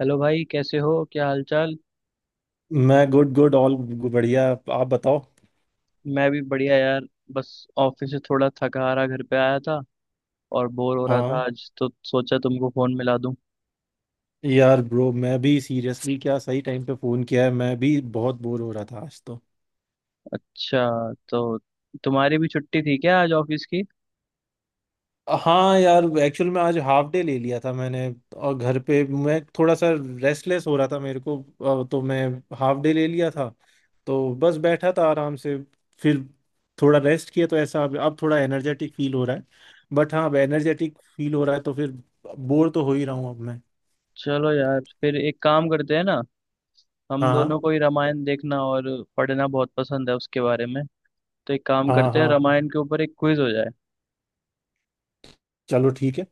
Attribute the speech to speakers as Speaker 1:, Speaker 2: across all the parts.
Speaker 1: Hello भाई कैसे हो क्या हालचाल।
Speaker 2: मैं गुड गुड ऑल। बढ़िया। आप बताओ।
Speaker 1: मैं भी बढ़िया यार। बस ऑफिस से थोड़ा थका हारा घर पे आया था और बोर हो रहा था
Speaker 2: हाँ
Speaker 1: आज तो सोचा तुमको फोन मिला दूं।
Speaker 2: यार ब्रो, मैं भी सीरियसली क्या सही टाइम पे फोन किया है। मैं भी बहुत बोर हो रहा था आज तो।
Speaker 1: अच्छा तो तुम्हारी भी छुट्टी थी क्या आज ऑफिस की।
Speaker 2: हाँ यार, एक्चुअल में आज हाफ डे ले लिया था मैंने। और घर पे मैं थोड़ा सा रेस्टलेस हो रहा था मेरे को। तो मैं हाफ डे ले लिया था। तो बस बैठा था आराम से। फिर थोड़ा रेस्ट किया तो ऐसा अब थोड़ा एनर्जेटिक फील हो रहा है। बट हाँ, अब एनर्जेटिक फील हो रहा है तो फिर बोर तो हो ही रहा हूँ अब मैं।
Speaker 1: चलो यार फिर एक काम करते हैं ना। हम
Speaker 2: हाँ हाँ,
Speaker 1: दोनों को ही रामायण देखना और पढ़ना बहुत पसंद है उसके बारे में। तो एक काम
Speaker 2: हाँ
Speaker 1: करते हैं
Speaker 2: हाँ।
Speaker 1: रामायण के ऊपर एक क्विज हो जाए।
Speaker 2: चलो ठीक है।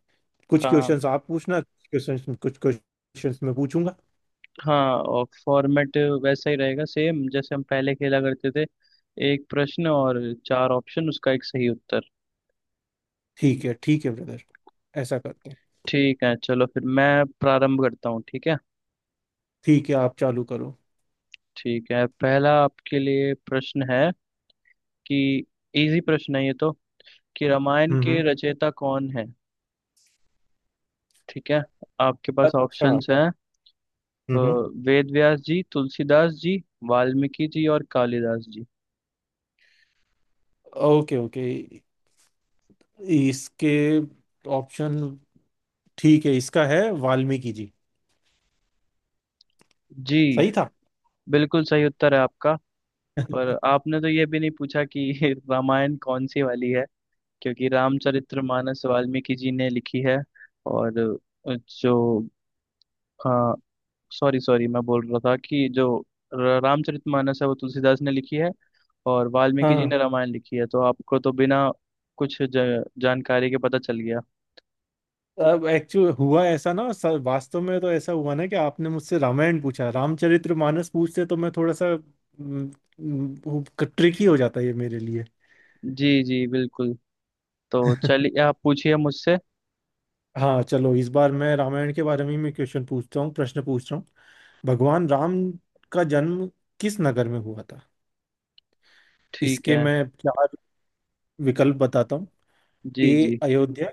Speaker 2: कुछ
Speaker 1: हाँ
Speaker 2: क्वेश्चंस आप पूछना, कुछ क्वेश्चंस मैं पूछूंगा।
Speaker 1: हाँ, और फॉर्मेट वैसा ही रहेगा सेम जैसे हम पहले खेला करते थे। एक प्रश्न और चार ऑप्शन उसका एक सही उत्तर।
Speaker 2: ठीक है ब्रदर। ऐसा करते हैं।
Speaker 1: ठीक है चलो फिर मैं प्रारंभ करता हूँ ठीक है।
Speaker 2: ठीक है, आप चालू करो।
Speaker 1: ठीक है पहला आपके लिए प्रश्न है कि, इजी प्रश्न है ये तो, कि रामायण
Speaker 2: हम्म।
Speaker 1: के रचयिता कौन है। ठीक है आपके पास
Speaker 2: अच्छा।
Speaker 1: ऑप्शंस हैं। अ,
Speaker 2: हम्म।
Speaker 1: वेद व्यास जी, तुलसीदास जी, वाल्मीकि जी और कालिदास जी।
Speaker 2: Okay okay. इसके ऑप्शन। ठीक है, इसका है वाल्मीकि जी।
Speaker 1: जी
Speaker 2: सही था।
Speaker 1: बिल्कुल सही उत्तर है आपका। पर आपने तो ये भी नहीं पूछा कि रामायण कौन सी वाली है। क्योंकि रामचरितमानस वाल्मीकि जी ने लिखी है। और जो, हाँ, सॉरी सॉरी मैं बोल रहा था कि जो रामचरितमानस है वो तुलसीदास ने लिखी है। और वाल्मीकि जी
Speaker 2: हाँ
Speaker 1: ने रामायण लिखी है तो आपको तो बिना कुछ जानकारी के पता चल गया।
Speaker 2: अब एक्चुअल हुआ ऐसा ना सर, वास्तव में तो ऐसा हुआ ना कि आपने मुझसे रामायण पूछा, रामचरितमानस पूछते तो मैं थोड़ा सा ट्रिकी हो जाता ये मेरे लिए।
Speaker 1: जी जी बिल्कुल। तो चलिए आप पूछिए मुझसे।
Speaker 2: हाँ चलो, इस बार मैं रामायण के बारे में ही क्वेश्चन पूछता हूँ, प्रश्न पूछ रहा हूँ। भगवान राम का जन्म किस नगर में हुआ था?
Speaker 1: ठीक
Speaker 2: इसके
Speaker 1: है।
Speaker 2: मैं चार विकल्प बताता हूँ।
Speaker 1: जी
Speaker 2: ए
Speaker 1: जी।
Speaker 2: अयोध्या,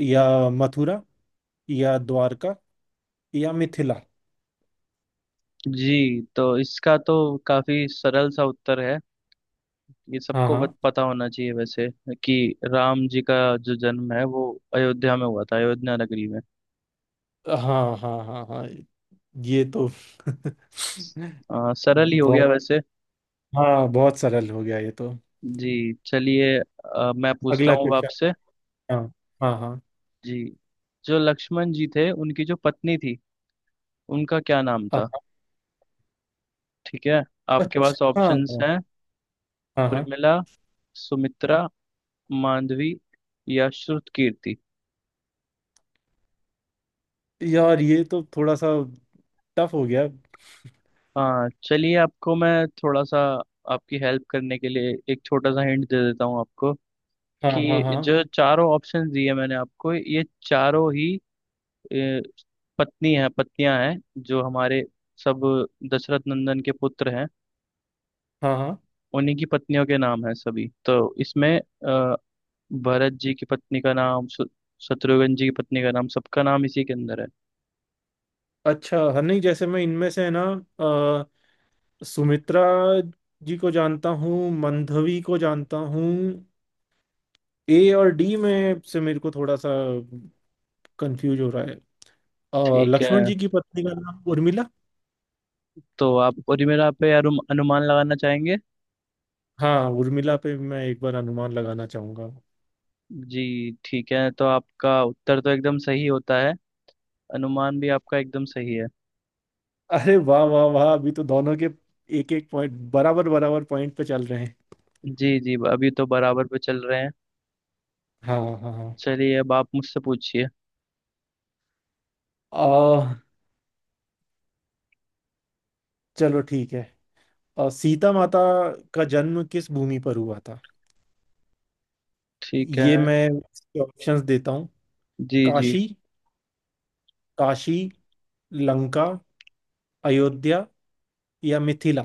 Speaker 2: या मथुरा, या द्वारका, या मिथिला।
Speaker 1: जी तो इसका तो काफी सरल सा उत्तर है। ये
Speaker 2: हाँ
Speaker 1: सबको
Speaker 2: हाँ,
Speaker 1: पता होना चाहिए वैसे, कि राम जी का जो जन्म है वो अयोध्या में हुआ था, अयोध्या नगरी में।
Speaker 2: हाँ हाँ। हाँ हाँ, ये तो
Speaker 1: सरल ही हो गया
Speaker 2: बहुत।
Speaker 1: वैसे।
Speaker 2: हाँ बहुत सरल हो गया ये तो।
Speaker 1: जी चलिए, मैं पूछता
Speaker 2: अगला
Speaker 1: हूँ अब
Speaker 2: क्वेश्चन।
Speaker 1: आपसे।
Speaker 2: हाँ हाँ, हाँ
Speaker 1: जी, जो लक्ष्मण जी थे उनकी जो पत्नी थी उनका क्या नाम था।
Speaker 2: हाँ।
Speaker 1: ठीक है आपके पास
Speaker 2: अच्छा हाँ,
Speaker 1: ऑप्शंस हैं।
Speaker 2: हाँ हाँ।
Speaker 1: उर्मिला, सुमित्रा, मांडवी या श्रुतकीर्ति।
Speaker 2: यार ये तो थोड़ा सा टफ हो गया।
Speaker 1: हाँ चलिए, आपको मैं थोड़ा सा, आपकी हेल्प करने के लिए एक छोटा सा हिंट दे देता हूँ आपको।
Speaker 2: हाँ हाँ
Speaker 1: कि
Speaker 2: हाँ
Speaker 1: जो चारों ऑप्शंस दिए मैंने आपको ये चारों ही, अ, पत्नी हैं, पत्नियां हैं। जो हमारे सब दशरथ नंदन के पुत्र हैं
Speaker 2: हाँ, हाँ।
Speaker 1: उन्हीं की पत्नियों के नाम है सभी तो इसमें। भरत जी की पत्नी का नाम शत्रुघ्न जी की पत्नी का नाम सबका नाम इसी के अंदर है।
Speaker 2: अच्छा हाँ, नहीं जैसे मैं इनमें से है ना। अ, सुमित्रा जी को जानता हूँ, मंधवी को जानता हूँ। ए और डी में से मेरे को थोड़ा सा कंफ्यूज हो रहा है।
Speaker 1: ठीक है
Speaker 2: लक्ष्मण जी की पत्नी का नाम उर्मिला।
Speaker 1: तो आप और मेरा पे अनुमान लगाना चाहेंगे।
Speaker 2: हाँ, उर्मिला पे मैं एक बार अनुमान लगाना चाहूंगा।
Speaker 1: जी ठीक है तो आपका उत्तर तो एकदम सही होता है। अनुमान भी आपका एकदम सही है।
Speaker 2: अरे वाह वाह वाह, अभी तो दोनों के एक एक पॉइंट, बराबर बराबर पॉइंट पे चल रहे हैं।
Speaker 1: जी जी अभी तो बराबर पे चल रहे हैं।
Speaker 2: हाँ हाँ हाँ।
Speaker 1: चलिए अब आप मुझसे पूछिए।
Speaker 2: अ, चलो ठीक है। सीता माता का जन्म किस भूमि पर हुआ था?
Speaker 1: ठीक है।
Speaker 2: ये मैं इसके ऑप्शंस देता हूँ।
Speaker 1: जी जी।
Speaker 2: काशी, काशी, लंका, अयोध्या, या मिथिला।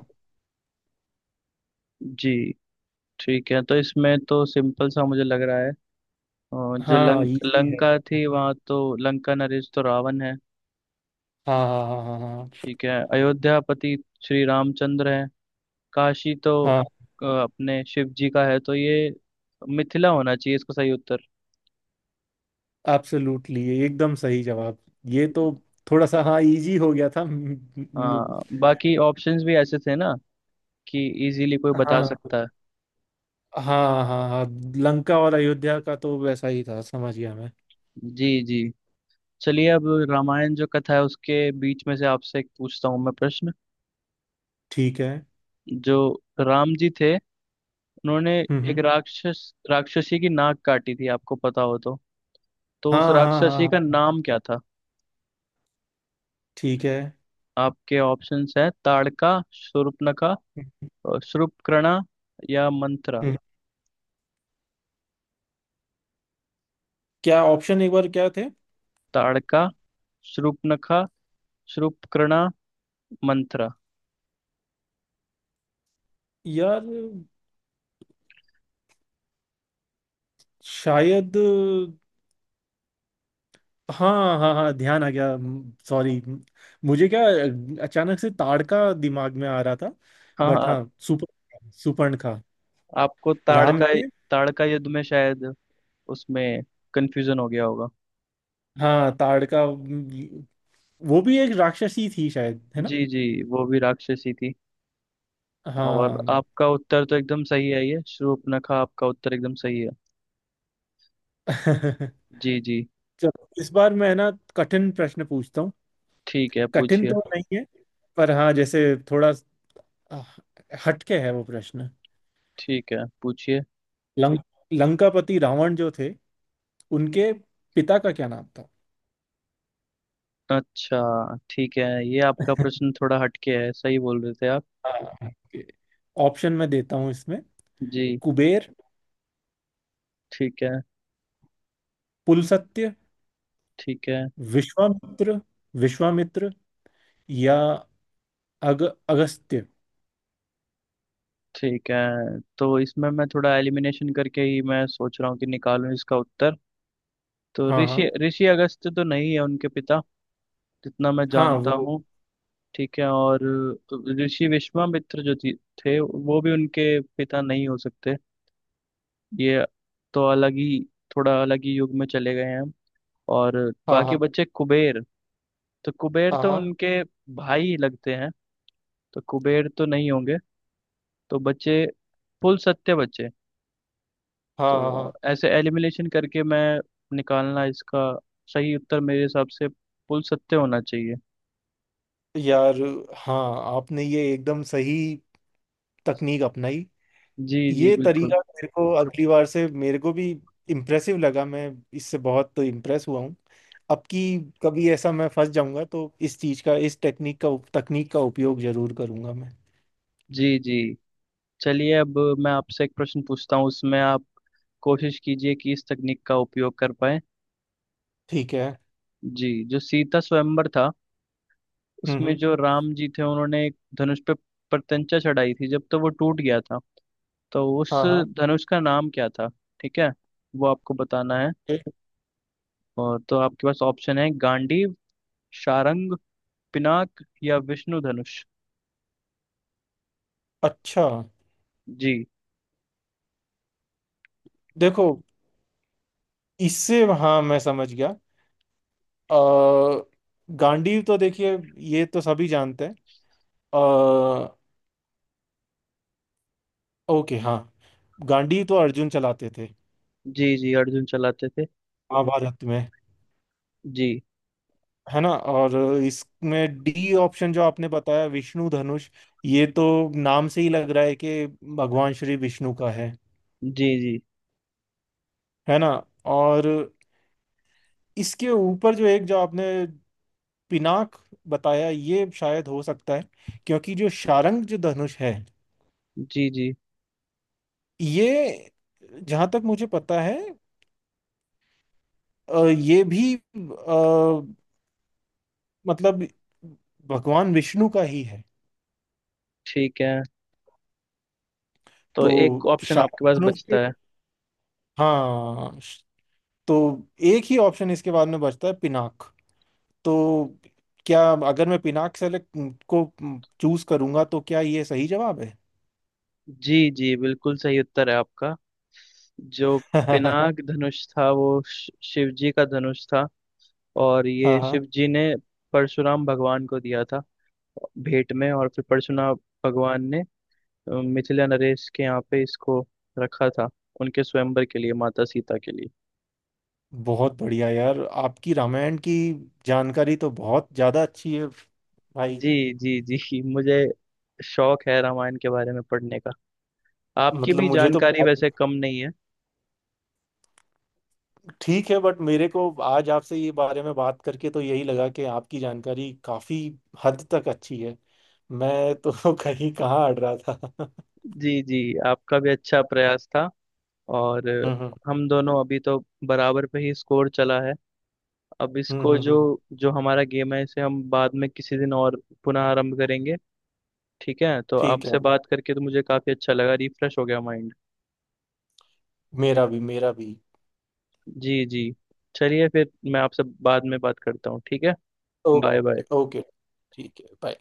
Speaker 1: जी ठीक है तो इसमें तो सिंपल सा मुझे लग रहा है। और जो
Speaker 2: हाँ
Speaker 1: लंक
Speaker 2: इजी है।
Speaker 1: लंका थी वहाँ तो लंका नरेश तो रावण है।
Speaker 2: हाँ हाँ, हाँ हाँ।
Speaker 1: ठीक है अयोध्यापति श्री रामचंद्र है। काशी तो
Speaker 2: हाँ
Speaker 1: अपने शिव जी का है तो ये मिथिला होना चाहिए इसका सही उत्तर।
Speaker 2: हाँ, एब्सोल्युटली एकदम सही जवाब। ये तो थोड़ा सा, हाँ इजी हो गया था म-
Speaker 1: हाँ बाकी ऑप्शंस भी ऐसे थे ना कि इजीली कोई बता
Speaker 2: हाँ
Speaker 1: सकता है।
Speaker 2: हाँ, हाँ हाँ। लंका और अयोध्या का तो वैसा ही था, समझ गया मैं।
Speaker 1: जी जी। चलिए अब रामायण जो कथा है उसके बीच में से आपसे एक पूछता हूँ मैं प्रश्न।
Speaker 2: ठीक है।
Speaker 1: जो राम जी थे उन्होंने एक
Speaker 2: हम्म।
Speaker 1: राक्षस राक्षसी की नाक काटी थी आपको पता हो तो
Speaker 2: हाँ
Speaker 1: उस
Speaker 2: हाँ, हाँ
Speaker 1: राक्षसी का
Speaker 2: हाँ।
Speaker 1: नाम क्या था।
Speaker 2: ठीक है।
Speaker 1: आपके ऑप्शंस है ताड़का, शूर्पणखा
Speaker 2: हम्म,
Speaker 1: और शूर्पणखा या मंत्रा।
Speaker 2: हम्म। क्या ऑप्शन एक बार क्या थे?
Speaker 1: ताड़का, शूर्पणखा, शूर्पणखा, मंत्रा।
Speaker 2: यार शायद। हाँ हाँ हाँ, ध्यान आ गया। सॉरी। मुझे क्या अचानक से ताड़का दिमाग में आ रहा था।
Speaker 1: हाँ
Speaker 2: बट
Speaker 1: हाँ
Speaker 2: हाँ, सुपर्ण सुपर्ण का।
Speaker 1: आपको
Speaker 2: राम
Speaker 1: ताड़का,
Speaker 2: ने।
Speaker 1: ताड़का युद्ध में शायद, उसमें कंफ्यूजन हो गया होगा।
Speaker 2: हाँ ताड़का वो भी एक राक्षसी थी शायद, है ना।
Speaker 1: जी जी वो भी राक्षसी थी। और
Speaker 2: हाँ।
Speaker 1: आपका उत्तर तो एकदम सही है, ये शूर्पणखा आपका उत्तर एकदम सही है। जी जी।
Speaker 2: चलो इस बार मैं ना कठिन प्रश्न पूछता हूँ।
Speaker 1: ठीक है
Speaker 2: कठिन
Speaker 1: पूछिए।
Speaker 2: तो नहीं है, पर हाँ जैसे थोड़ा आ, हटके है वो प्रश्न।
Speaker 1: ठीक है पूछिए।
Speaker 2: लंक लंकापति रावण जो थे, उनके पिता का क्या नाम था?
Speaker 1: अच्छा ठीक है ये आपका प्रश्न थोड़ा हटके है सही बोल रहे थे आप।
Speaker 2: हाँ ऑप्शन मैं देता हूँ इसमें।
Speaker 1: जी।
Speaker 2: कुबेर,
Speaker 1: ठीक है।
Speaker 2: पुलसत्य,
Speaker 1: ठीक है।
Speaker 2: विश्वामित्र विश्वामित्र, या अग अगस्त्य।
Speaker 1: ठीक है तो इसमें मैं थोड़ा एलिमिनेशन करके ही मैं सोच रहा हूँ कि निकालूं इसका उत्तर। तो
Speaker 2: हाँ हाँ
Speaker 1: ऋषि ऋषि अगस्त्य तो नहीं है उनके पिता, जितना मैं
Speaker 2: हाँ।
Speaker 1: जानता
Speaker 2: वो।
Speaker 1: हूँ। ठीक है। और ऋषि विश्वामित्र जो थे वो भी उनके पिता नहीं हो सकते। ये तो अलग ही, थोड़ा अलग ही युग में चले गए हैं हम। और
Speaker 2: हाँ
Speaker 1: बाकी
Speaker 2: हाँ
Speaker 1: बच्चे कुबेर, तो कुबेर
Speaker 2: हाँ,
Speaker 1: तो
Speaker 2: हाँ
Speaker 1: उनके भाई लगते हैं तो कुबेर तो नहीं होंगे। तो बचे कुल सत्य बचे।
Speaker 2: हाँ
Speaker 1: तो
Speaker 2: हाँ।
Speaker 1: ऐसे एलिमिनेशन करके मैं निकालना इसका, सही उत्तर मेरे हिसाब से कुल सत्य होना चाहिए।
Speaker 2: यार हाँ, आपने ये एकदम सही तकनीक अपनाई।
Speaker 1: जी जी
Speaker 2: ये
Speaker 1: बिल्कुल।
Speaker 2: तरीका मेरे को अगली बार से मेरे को भी इम्प्रेसिव लगा। मैं इससे बहुत इम्प्रेस हुआ हूँ। अब की कभी ऐसा मैं फंस जाऊंगा तो इस चीज का, इस टेक्निक का, तकनीक का उपयोग जरूर करूंगा मैं।
Speaker 1: जी जी चलिए अब मैं आपसे एक प्रश्न पूछता हूँ उसमें आप कोशिश कीजिए कि इस तकनीक का उपयोग कर पाए।
Speaker 2: ठीक है।
Speaker 1: जी जो सीता स्वयंवर था
Speaker 2: हम्म
Speaker 1: उसमें
Speaker 2: हम्म,
Speaker 1: जो राम जी थे उन्होंने एक धनुष पे प्रत्यंचा चढ़ाई थी जब, तो वो टूट गया था तो उस
Speaker 2: हाँ हाँ।
Speaker 1: धनुष का नाम क्या था। ठीक है वो आपको बताना है।
Speaker 2: ए-
Speaker 1: और तो आपके पास ऑप्शन है गांडीव, सारंग, पिनाक या विष्णु धनुष।
Speaker 2: अच्छा
Speaker 1: जी
Speaker 2: देखो, इससे हाँ मैं समझ गया। अ, गांडीव तो देखिए, ये तो सभी जानते हैं। अ, ओके हाँ, गांडीव तो अर्जुन चलाते थे
Speaker 1: जी। जी अर्जुन चलाते थे।
Speaker 2: महाभारत में,
Speaker 1: जी।
Speaker 2: है ना। और इसमें डी ऑप्शन जो आपने बताया, विष्णु धनुष, ये तो नाम से ही लग रहा है कि भगवान श्री विष्णु का है
Speaker 1: जी। जी
Speaker 2: है ना। और इसके ऊपर जो एक जो आपने पिनाक बताया, ये शायद हो सकता है। क्योंकि जो शारंग जो धनुष है,
Speaker 1: जी। जी
Speaker 2: ये जहां तक मुझे पता है ये भी, मतलब भगवान विष्णु का ही है।
Speaker 1: ठीक है तो
Speaker 2: तो
Speaker 1: एक ऑप्शन
Speaker 2: शारंग
Speaker 1: आपके पास
Speaker 2: धनुष
Speaker 1: बचता
Speaker 2: के।
Speaker 1: है।
Speaker 2: हाँ, तो एक ही ऑप्शन इसके बाद में बचता है, पिनाक। तो क्या अगर मैं पिनाक सेलेक्ट को चूज करूंगा तो क्या ये सही जवाब है?
Speaker 1: जी जी बिल्कुल सही उत्तर है आपका। जो
Speaker 2: हाँ
Speaker 1: पिनाक धनुष था वो शिव जी का धनुष था। और ये
Speaker 2: हाँ,
Speaker 1: शिव जी ने परशुराम भगवान को दिया था भेंट में। और फिर परशुराम भगवान ने, मिथिला नरेश के यहाँ पे इसको रखा था उनके स्वयंवर के लिए, माता सीता के लिए।
Speaker 2: बहुत बढ़िया यार। आपकी रामायण की जानकारी तो बहुत ज्यादा अच्छी है भाई।
Speaker 1: जी जी जी मुझे शौक है रामायण के बारे में पढ़ने का। आपकी
Speaker 2: मतलब
Speaker 1: भी
Speaker 2: मुझे तो
Speaker 1: जानकारी
Speaker 2: बात
Speaker 1: वैसे कम नहीं है।
Speaker 2: ठीक है, बट मेरे को आज आपसे ये बारे में बात करके तो यही लगा कि आपकी जानकारी काफी हद तक अच्छी है। मैं तो कहीं कहाँ अड़ रहा था।
Speaker 1: जी जी। आपका भी अच्छा प्रयास था। और
Speaker 2: हम्म हम्म
Speaker 1: हम दोनों अभी तो बराबर पे ही स्कोर चला है। अब
Speaker 2: हम्म
Speaker 1: इसको
Speaker 2: हम्म
Speaker 1: जो,
Speaker 2: हम्म,
Speaker 1: जो हमारा गेम है इसे हम बाद में किसी दिन और पुनः आरंभ करेंगे। ठीक है तो
Speaker 2: ठीक है।
Speaker 1: आपसे बात करके तो मुझे काफी अच्छा लगा, रिफ्रेश हो गया माइंड।
Speaker 2: मेरा भी, मेरा भी।
Speaker 1: जी जी चलिए फिर मैं आपसे बाद में बात करता हूँ ठीक है। Bye bye.
Speaker 2: Okay okay. ठीक है, बाय।